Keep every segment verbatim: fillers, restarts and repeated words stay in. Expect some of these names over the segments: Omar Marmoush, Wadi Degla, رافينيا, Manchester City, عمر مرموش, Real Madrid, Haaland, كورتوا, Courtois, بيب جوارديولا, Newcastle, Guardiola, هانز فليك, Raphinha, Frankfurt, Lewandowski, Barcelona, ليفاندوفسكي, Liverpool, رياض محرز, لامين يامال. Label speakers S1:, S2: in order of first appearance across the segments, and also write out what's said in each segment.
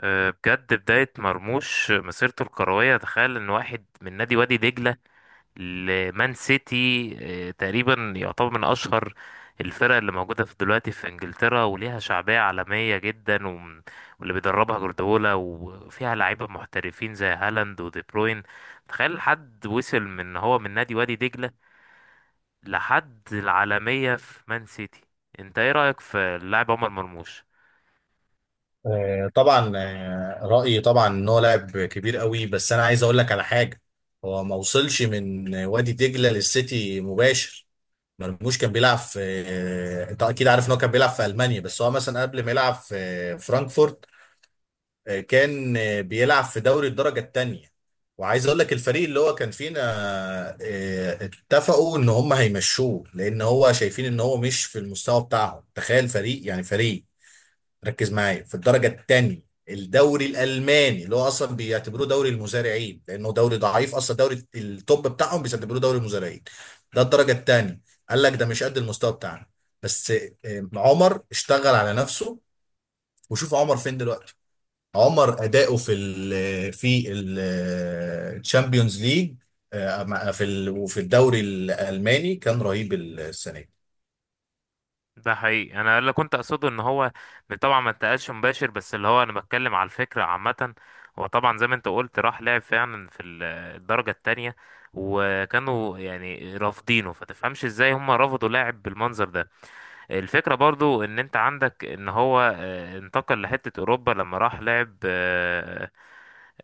S1: أه، بجد بداية مرموش مسيرته الكروية، تخيل ان واحد من نادي وادي دجلة لمان سيتي. أه، تقريبا يعتبر من اشهر الفرق اللي موجودة في دلوقتي في انجلترا وليها شعبية عالمية جدا، وم- واللي بيدربها جوارديولا وفيها لعيبة محترفين زي هالاند ودي بروين. تخيل حد وصل من إن هو من نادي وادي دجلة لحد العالمية في مان سيتي. انت ايه رأيك في اللاعب عمر مرموش؟
S2: آه، طبعا آه، رأيي طبعا ان هو لاعب كبير قوي، بس انا عايز اقول لك على حاجه. هو ما وصلش من وادي دجله للسيتي مباشر. مرموش كان بيلعب في آه، انت اكيد عارف ان هو كان بيلعب في المانيا، بس هو مثلا قبل ما يلعب في آه، فرانكفورت آه، كان آه، بيلعب في دوري الدرجه الثانيه. وعايز اقول لك الفريق اللي هو كان فينا آه، اتفقوا ان هم هيمشوه لان هو شايفين ان هو مش في المستوى بتاعهم. تخيل فريق يعني فريق، ركز معايا، في الدرجة الثانية الدوري الألماني، اللي هو أصلا بيعتبروه دوري المزارعين لأنه دوري ضعيف أصلا. دوري التوب بتاعهم بيعتبروه دوري المزارعين، ده الدرجة الثانية. قال لك ده مش قد المستوى بتاعنا. بس آه، عمر اشتغل على نفسه، وشوف عمر فين دلوقتي. عمر أداؤه في ال في الشامبيونز ليج، في ال- وفي الدوري الألماني كان رهيب السنة دي.
S1: ده حقيقي، انا اللي كنت اقصده ان هو طبعا ما انتقلش مباشر، بس اللي هو انا بتكلم على الفكره عامه. هو طبعا زي ما انت قلت راح لعب فعلا في ال- الدرجه التانية، وكانوا يعني رافضينه، فتفهمش ازاي هم رفضوا لاعب بالمنظر ده. الفكرة برضو ان انت عندك ان هو آه، انتقل لحتة اوروبا لما راح لعب آه،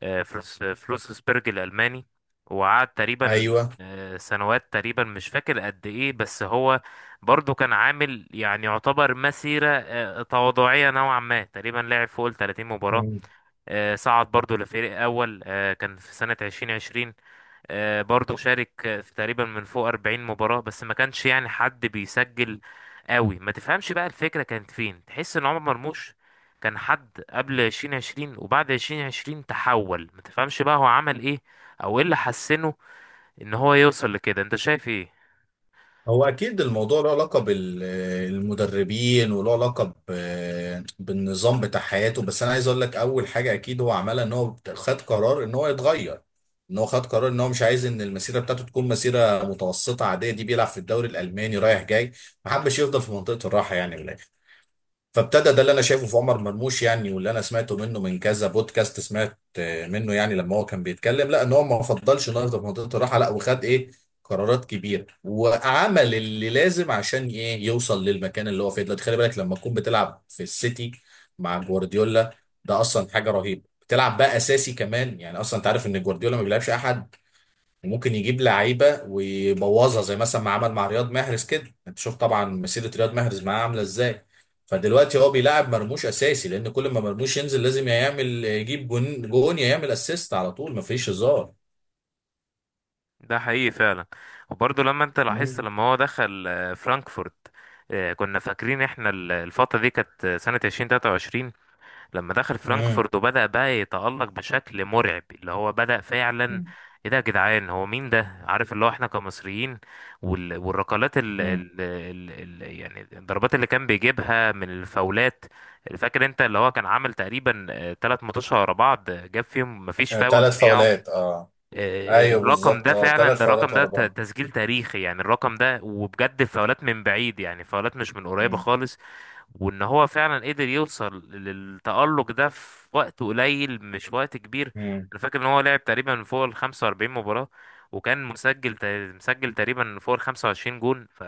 S1: آه، فلوس فلوسسبرج الالماني، وقعد تقريبا
S2: أيوه.
S1: آه، سنوات، تقريبا مش فاكر قد ايه، بس هو برضو كان عامل يعني يعتبر مسيرة آه، تواضعية نوعا ما. تقريبا لعب فوق ال تلاتين مباراة. آه، صعد برضو لفريق اول، آه، كان في سنة ألفين وعشرين. آه، برضو شارك آه، في تقريبا من فوق أربعين مباراة، بس ما كانش يعني حد بيسجل قوي. ما تفهمش بقى الفكرة كانت فين، تحس ان عمر مرموش كان حد قبل ألفين وعشرين وبعد ألفين وعشرين تحول. ما تفهمش بقى هو عمل ايه او ايه اللي حسنه ان هو يوصل لكده، انت شايف ايه؟
S2: هو اكيد الموضوع له علاقه بالمدربين وله علاقه ب- بالنظام بتاع حياته، بس انا عايز اقول لك اول حاجه اكيد هو عملها ان هو خد قرار ان هو يتغير. ان هو خد قرار ان هو مش عايز ان المسيره بتاعته تكون مسيره متوسطه عاديه دي، بيلعب في الدوري الالماني رايح جاي. ما حبش يفضل في منطقه الراحه يعني. فابتدى، ده اللي انا شايفه في عمر مرموش يعني، واللي انا سمعته منه من كذا بودكاست. سمعت آه، منه يعني لما هو كان بيتكلم، لا ان هو ما فضلش انه يفضل في منطقه الراحه، لا وخد ايه؟ قرارات كبيره، وعمل اللي لازم عشان ايه يوصل للمكان اللي هو فيه دلوقتي. خلي بالك لما تكون بتلعب في السيتي مع جوارديولا، ده اصلا حاجه رهيبه. بتلعب بقى اساسي كمان يعني، اصلا انت عارف ان جوارديولا ما بيلعبش احد. ممكن يجيب لعيبه ويبوظها، زي مثلا ما عمل مع رياض محرز كده. انت شوف طبعا مسيره رياض محرز معاه عامله ازاي. فدلوقتي هو بيلعب مرموش اساسي، لان كل ما مرموش ينزل لازم يا يعمل يجيب جون جون، يا يعمل اسيست، على طول مفيش هزار.
S1: ده حقيقي فعلا. وبرضو لما انت لاحظت
S2: مم.
S1: لما هو دخل آه، فرانكفورت، آه، كنا فاكرين احنا ال- الفترة دي كانت آه، سنة ألفين وتلاتة وعشرين. لما دخل
S2: مم.
S1: فرانكفورت وبدأ بقى يتألق بشكل مرعب، اللي هو بدأ فعلا.
S2: مم.
S1: ايه ده يا جدعان، هو مين ده؟ عارف اللي هو احنا كمصريين وال... والركلات ال...
S2: مم.
S1: ال... ال... ال... يعني الضربات اللي كان بيجيبها من الفاولات. فاكر انت اللي هو كان عامل تقريبا تلات ماتشات ورا بعض، آه، جاب فيهم مفيش
S2: آه،
S1: فاول
S2: تلات فاولات
S1: ضيعه.
S2: اه.
S1: آه،
S2: ايوه
S1: الرقم
S2: بالظبط
S1: ده
S2: اه، تلات
S1: فعلا، ده الرقم
S2: فاولات
S1: ده
S2: ورا
S1: ت-
S2: بعض.
S1: تسجيل تاريخي يعني. الرقم ده، وبجد فاولات من بعيد، يعني فاولات مش من قريبة
S2: مم.
S1: خالص. وان هو فعلا قدر يوصل للتألق ده في وقت قليل، مش وقت كبير.
S2: مم.
S1: انا فاكر ان هو لعب تقريبا فوق ال خمسة وأربعين مباراة، وكان مسجل تا- مسجل تقريبا فوق ال خمسة وعشرين جون. ف...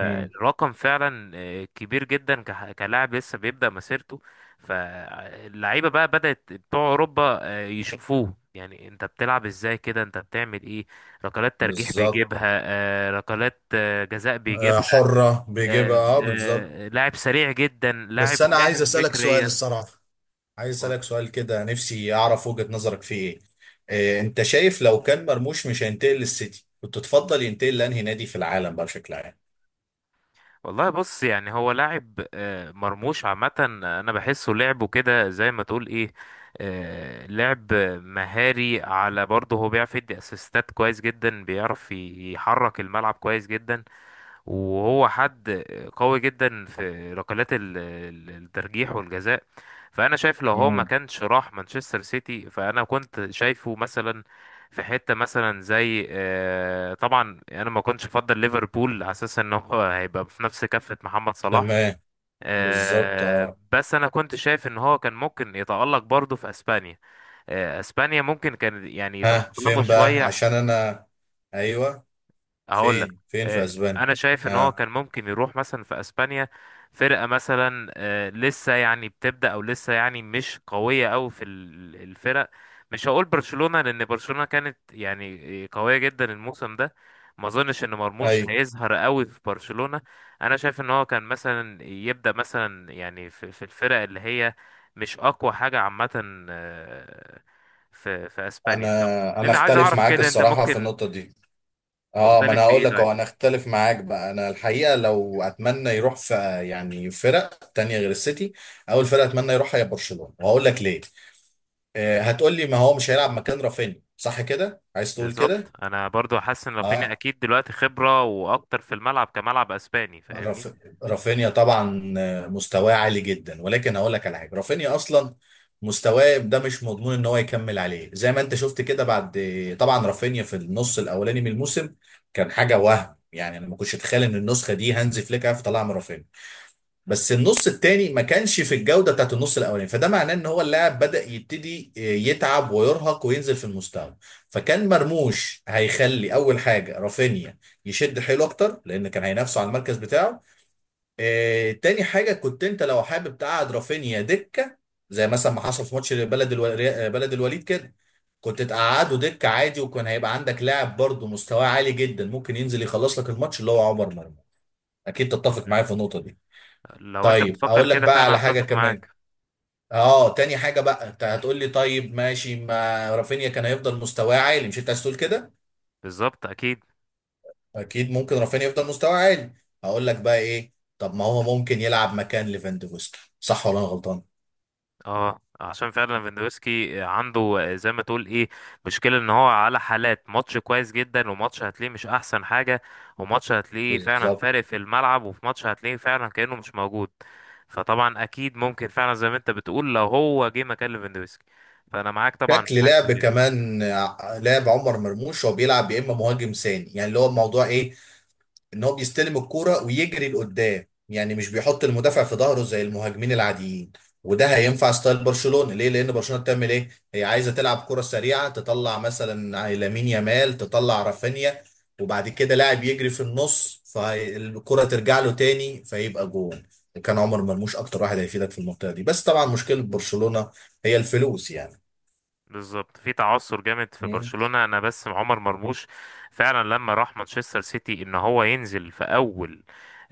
S2: مم.
S1: فعلا آه، كبير جدا، كح- كلاعب لسه بيبدأ مسيرته. فاللعيبة بقى بدأت بتوع اوروبا آه، يشوفوه، يعني انت بتلعب ازاي كده؟ انت بتعمل ايه؟ ركلات ترجيح
S2: بالظبط.
S1: بيجيبها، آه، ركلات آه، جزاء.
S2: آه، حرة بيجيبها
S1: آه،
S2: اه بالظبط.
S1: آه، لاعب سريع جدا، لاعب
S2: بس انا عايز
S1: فاهم
S2: اسالك سؤال
S1: فكريا.
S2: الصراحه، عايز
S1: قول.
S2: أسألك سؤال كده نفسي أعرف وجهة نظرك فيه إيه. إيه، أنت شايف لو كان مرموش مش هينتقل للسيتي كنت تفضل ينتقل لأنهي نادي في العالم بقى بشكل عام؟
S1: والله بص، يعني هو لاعب آه، مرموش عامة، أنا بحسه لعبه كده زي ما تقول إيه، آه، لعب مهاري. على برضه هو بيعرف يدي أسيستات كويس جدا، بيعرف يحرك الملعب كويس جدا. وهو حد قوي جدا في ركلات ال- ال- الترجيح والجزاء. فانا شايف لو هو ما
S2: مم.
S1: كانش راح مانشستر سيتي، فانا كنت شايفه مثلا في حتة مثلا زي، آه، طبعا انا ما كنتش افضل ليفربول على اساس ان هو هيبقى في نفس كفة محمد صلاح.
S2: تمام. بالظبط
S1: آه،
S2: اه.
S1: بس انا كنت شايف ان هو كان ممكن يتألق برضه في اسبانيا. آه، اسبانيا ممكن كان يعني
S2: ها
S1: يتأقلموا
S2: فين بقى؟
S1: شوية.
S2: عشان أنا أيوه،
S1: هقول لك،
S2: فين فين في
S1: آه،
S2: أسبانيا؟
S1: انا شايف ان هو
S2: اه
S1: كان ممكن يروح مثلا في اسبانيا، فرقه مثلا آه، لسه يعني بتبدا، او لسه يعني مش قويه قوي في ال- الفرق. مش هقول برشلونه لان برشلونه كانت يعني قويه جدا الموسم ده. ما اظنش ان مرموش
S2: أيوه.
S1: هيظهر قوي في برشلونه. انا شايف ان هو كان مثلا يبدا مثلا يعني في, في الفرق اللي هي مش اقوى حاجه عامه، آه، في في اسبانيا. طب
S2: أنا أنا
S1: انا عايز
S2: أختلف
S1: اعرف
S2: معاك
S1: كده انت
S2: الصراحة في
S1: ممكن،
S2: النقطة دي. اه، ما أنا
S1: مختلف في
S2: هقول
S1: ايه
S2: لك
S1: طيب؟
S2: أهو، أنا أختلف معاك بقى. أنا الحقيقة لو أتمنى يروح في، يعني فرق تانية غير السيتي، أول فرقة أتمنى يروحها هي برشلونة، وهقول لك ليه. آه، هتقول لي ما هو مش هيلعب مكان رافينيا، صح كده عايز تقول
S1: بالظبط،
S2: كده؟
S1: انا برضو حاسس ان رافينيا
S2: اه
S1: اكيد دلوقتي خبرة واكتر في الملعب كملعب اسباني، فاهمني؟
S2: راف... رافينيا طبعا آه، مستواه عالي جدا، ولكن هقول لك على حاجه. رافينيا اصلا مستواه ده مش مضمون ان هو يكمل عليه، زي ما انت شفت كده. بعد طبعا رافينيا في النص الاولاني من الموسم كان حاجه وهم يعني، انا ما كنتش اتخيل ان النسخه دي هانز فليك هيعرف يطلعها من رافينيا. بس النص التاني ما كانش في الجودة بتاعت النص الأولاني، فده معناه إن هو اللاعب بدأ يبتدي آه، يتعب ويرهق وينزل في المستوى. فكان مرموش هيخلي أول حاجة رافينيا يشد حيله أكتر، لأن كان هينافسه على المركز بتاعه. آه، تاني حاجة كنت أنت لو حابب تقعد رافينيا دكة، زي مثلا ما حصل في ماتش بلد الو- بلد الوليد كده، كنت تقعده دكة عادي، وكان هيبقى عندك لاعب برضه مستواه عالي جدا ممكن ينزل يخلص لك الماتش اللي هو عمر مرموش. أكيد تتفق معايا في النقطة دي.
S1: لو انت
S2: طيب
S1: بتفكر
S2: اقول لك
S1: كده
S2: بقى
S1: فعلا
S2: على حاجه
S1: اتفق
S2: كمان.
S1: معاك.
S2: اه تاني حاجه بقى، انت هتقول لي طيب ماشي ما رافينيا كان هيفضل مستواه عالي، مش انت عايز تقول كده؟
S1: بالظبط اكيد.
S2: اكيد ممكن رافينيا يفضل مستواه عالي. هقول لك بقى ايه، طب ما هو ممكن يلعب مكان ليفاندوفسكي صح ولا انا غلطان؟
S1: اه، عشان فعلا فيندوفسكي عنده زي ما تقول ايه، مشكلة ان هو على حالات، ماتش كويس جدا، وماتش هتلاقيه مش احسن حاجة، وماتش هتلاقيه فعلا
S2: بالظبط.
S1: فارق في الملعب، وفي ماتش هتلاقيه فعلا كأنه مش موجود. فطبعا اكيد ممكن فعلا زي ما انت بتقول لو هو جه مكان ليفاندوفسكي، فانا معاك طبعا في
S2: شكل
S1: حاجة زي
S2: لعب
S1: كده.
S2: كمان آه، لعب عمر مرموش هو بيلعب يا اما مهاجم ثاني، يعني اللي هو الموضوع ايه، ان هو بيستلم الكوره ويجري لقدام، يعني مش بيحط المدافع في ظهره زي المهاجمين العاديين. وده هينفع ستايل برشلونه ليه؟ لان برشلونه بتعمل ايه؟ هي عايزه تلعب كره سريعه، تطلع مثلا لامين يامال، تطلع رافينيا، وبعد كده لاعب يجري في النص فالكره ترجع له تاني فيبقى جون. وكان عمر مرموش اكتر واحد هيفيدك في المنطقه دي، بس طبعا مشكله برشلونه هي الفلوس يعني.
S1: بالظبط. في تعثر جامد في
S2: مم.
S1: برشلونة. انا بس عمر مرموش فعلا لما راح مانشستر سيتي، ان هو ينزل في اول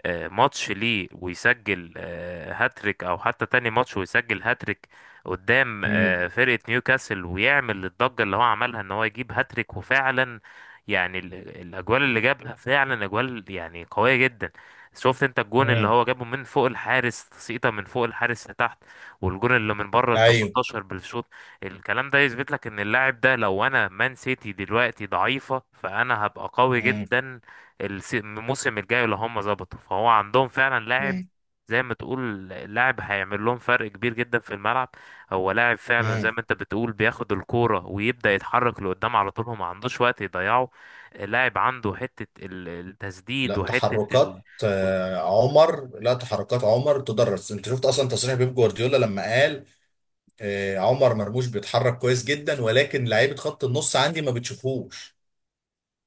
S1: آه، ماتش ليه ويسجل آه، هاتريك، او حتى تاني ماتش ويسجل هاتريك قدام
S2: مم.
S1: آه، فرقة نيوكاسل، ويعمل الضجة اللي هو عملها ان هو يجيب هاتريك. وفعلا يعني ال- الاجوال اللي جابها فعلا اجوال يعني قوية جدا. شفت انت الجون اللي
S2: مم.
S1: هو جابه من فوق الحارس، تسقيطه من فوق الحارس لتحت، والجون اللي من بره ال
S2: ايوه.
S1: تمنتاشر بالشوط. الكلام ده يثبت لك ان اللاعب ده، لو انا مان سيتي دلوقتي ضعيفة، فانا هبقى قوي
S2: مم.
S1: جدا. الس- الموسم الجاي اللي هم ظبطوا، فهو عندهم فعلا لاعب،
S2: مم.
S1: زي ما تقول لاعب هيعمل لهم فرق كبير جدا في الملعب. هو لاعب فعلا زي
S2: مم.
S1: ما انت بتقول، بياخد الكورة ويبدأ يتحرك لقدام على طول، هو ما عندوش وقت يضيعه. لاعب عنده حتة ال-
S2: لا
S1: التسديد، وحتة ال...
S2: تحركات آه، عمر، لا تحركات عمر تدرس. انت شفت اصلا تصريح بيب جوارديولا لما قال آه، عمر مرموش بيتحرك كويس جدا، ولكن لعيبه خط النص عندي ما بتشوفوش.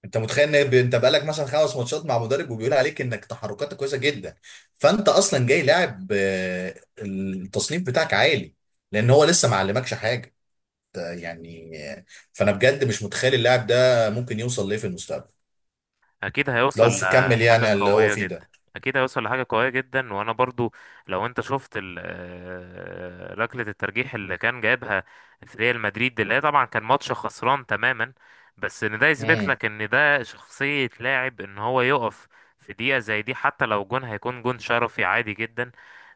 S2: انت متخيل ان ب- انت بقالك مثلا خمس ماتشات مع مدرب وبيقول عليك انك تحركاتك كويسه جدا؟ فانت اصلا جاي لاعب آه، التصنيف بتاعك عالي، لان هو لسه ما علمكش حاجه. ده يعني آه، فانا بجد مش متخيل اللاعب ده ممكن يوصل ليه في المستقبل.
S1: اكيد
S2: لو
S1: هيوصل
S2: في كمل يعني
S1: لحاجه
S2: على اللي هو
S1: قويه
S2: فيه
S1: جدا.
S2: ده.
S1: اكيد هيوصل لحاجه قويه جدا. وانا برضو لو انت شفت ال- آه، ركله الترجيح اللي كان جايبها في ريال مدريد، اللي هي طبعا كان ماتش خسران تماما. بس ان ده يثبت
S2: امم.
S1: لك ان ده شخصيه لاعب، ان هو يقف في دقيقه زي دي حتى لو جون هيكون جون شرفي عادي جدا.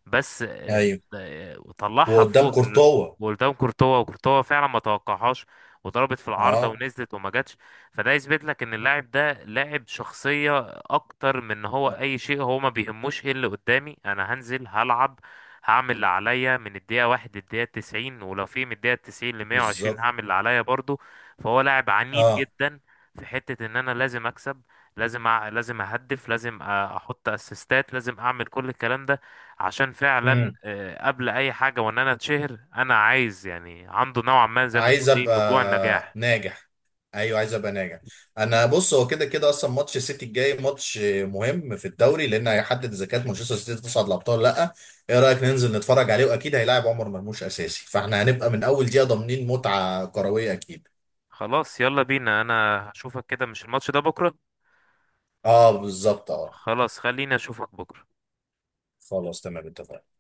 S1: بس آه،
S2: ايوه.
S1: آه، طلعها
S2: وقدام
S1: فوق ال-،
S2: كورتوا.
S1: وقدام كورتوا. وكورتوا فعلا ما توقعهاش، وضربت في العارضه
S2: اه
S1: ونزلت وما جاتش. فده يثبت لك ان اللاعب ده لاعب شخصية اكتر من ان هو اي شيء. هو ما بيهموش ايه اللي قدامي، انا هنزل هلعب، هعمل اللي عليا من الدقيقة واحد للدقيقة تسعين، ولو في من الدقيقة تسعين لمية وعشرين
S2: بالظبط
S1: هعمل اللي عليا برضو. فهو لاعب عنيد
S2: اه.
S1: جدا في حتة ان انا لازم اكسب، لازم أع... لازم اهدف، لازم أ- احط اسيستات، لازم اعمل كل الكلام ده عشان فعلا
S2: امم.
S1: آه، قبل اي حاجة وان انا اتشهر. انا عايز، يعني عنده نوعا ما زي ما تقول
S2: عايز
S1: ايه، من جوع
S2: ابقى
S1: النجاح.
S2: ناجح. ايوه عايز ابقى ناجح. انا بص، هو كده كده اصلا ماتش السيتي الجاي ماتش مهم في الدوري، لان هيحدد اذا كانت مانشستر سيتي تصعد الابطال ولا لا. ايه رايك ننزل نتفرج عليه، واكيد هيلاعب عمر مرموش اساسي، فاحنا هنبقى من اول دقيقه ضامنين متعه كرويه اكيد.
S1: خلاص يلا بينا. انا هشوفك كده مش الماتش ده بكرة؟
S2: اه بالظبط اه.
S1: خلاص خليني اشوفك بكرة.
S2: خلاص تمام اتفقنا.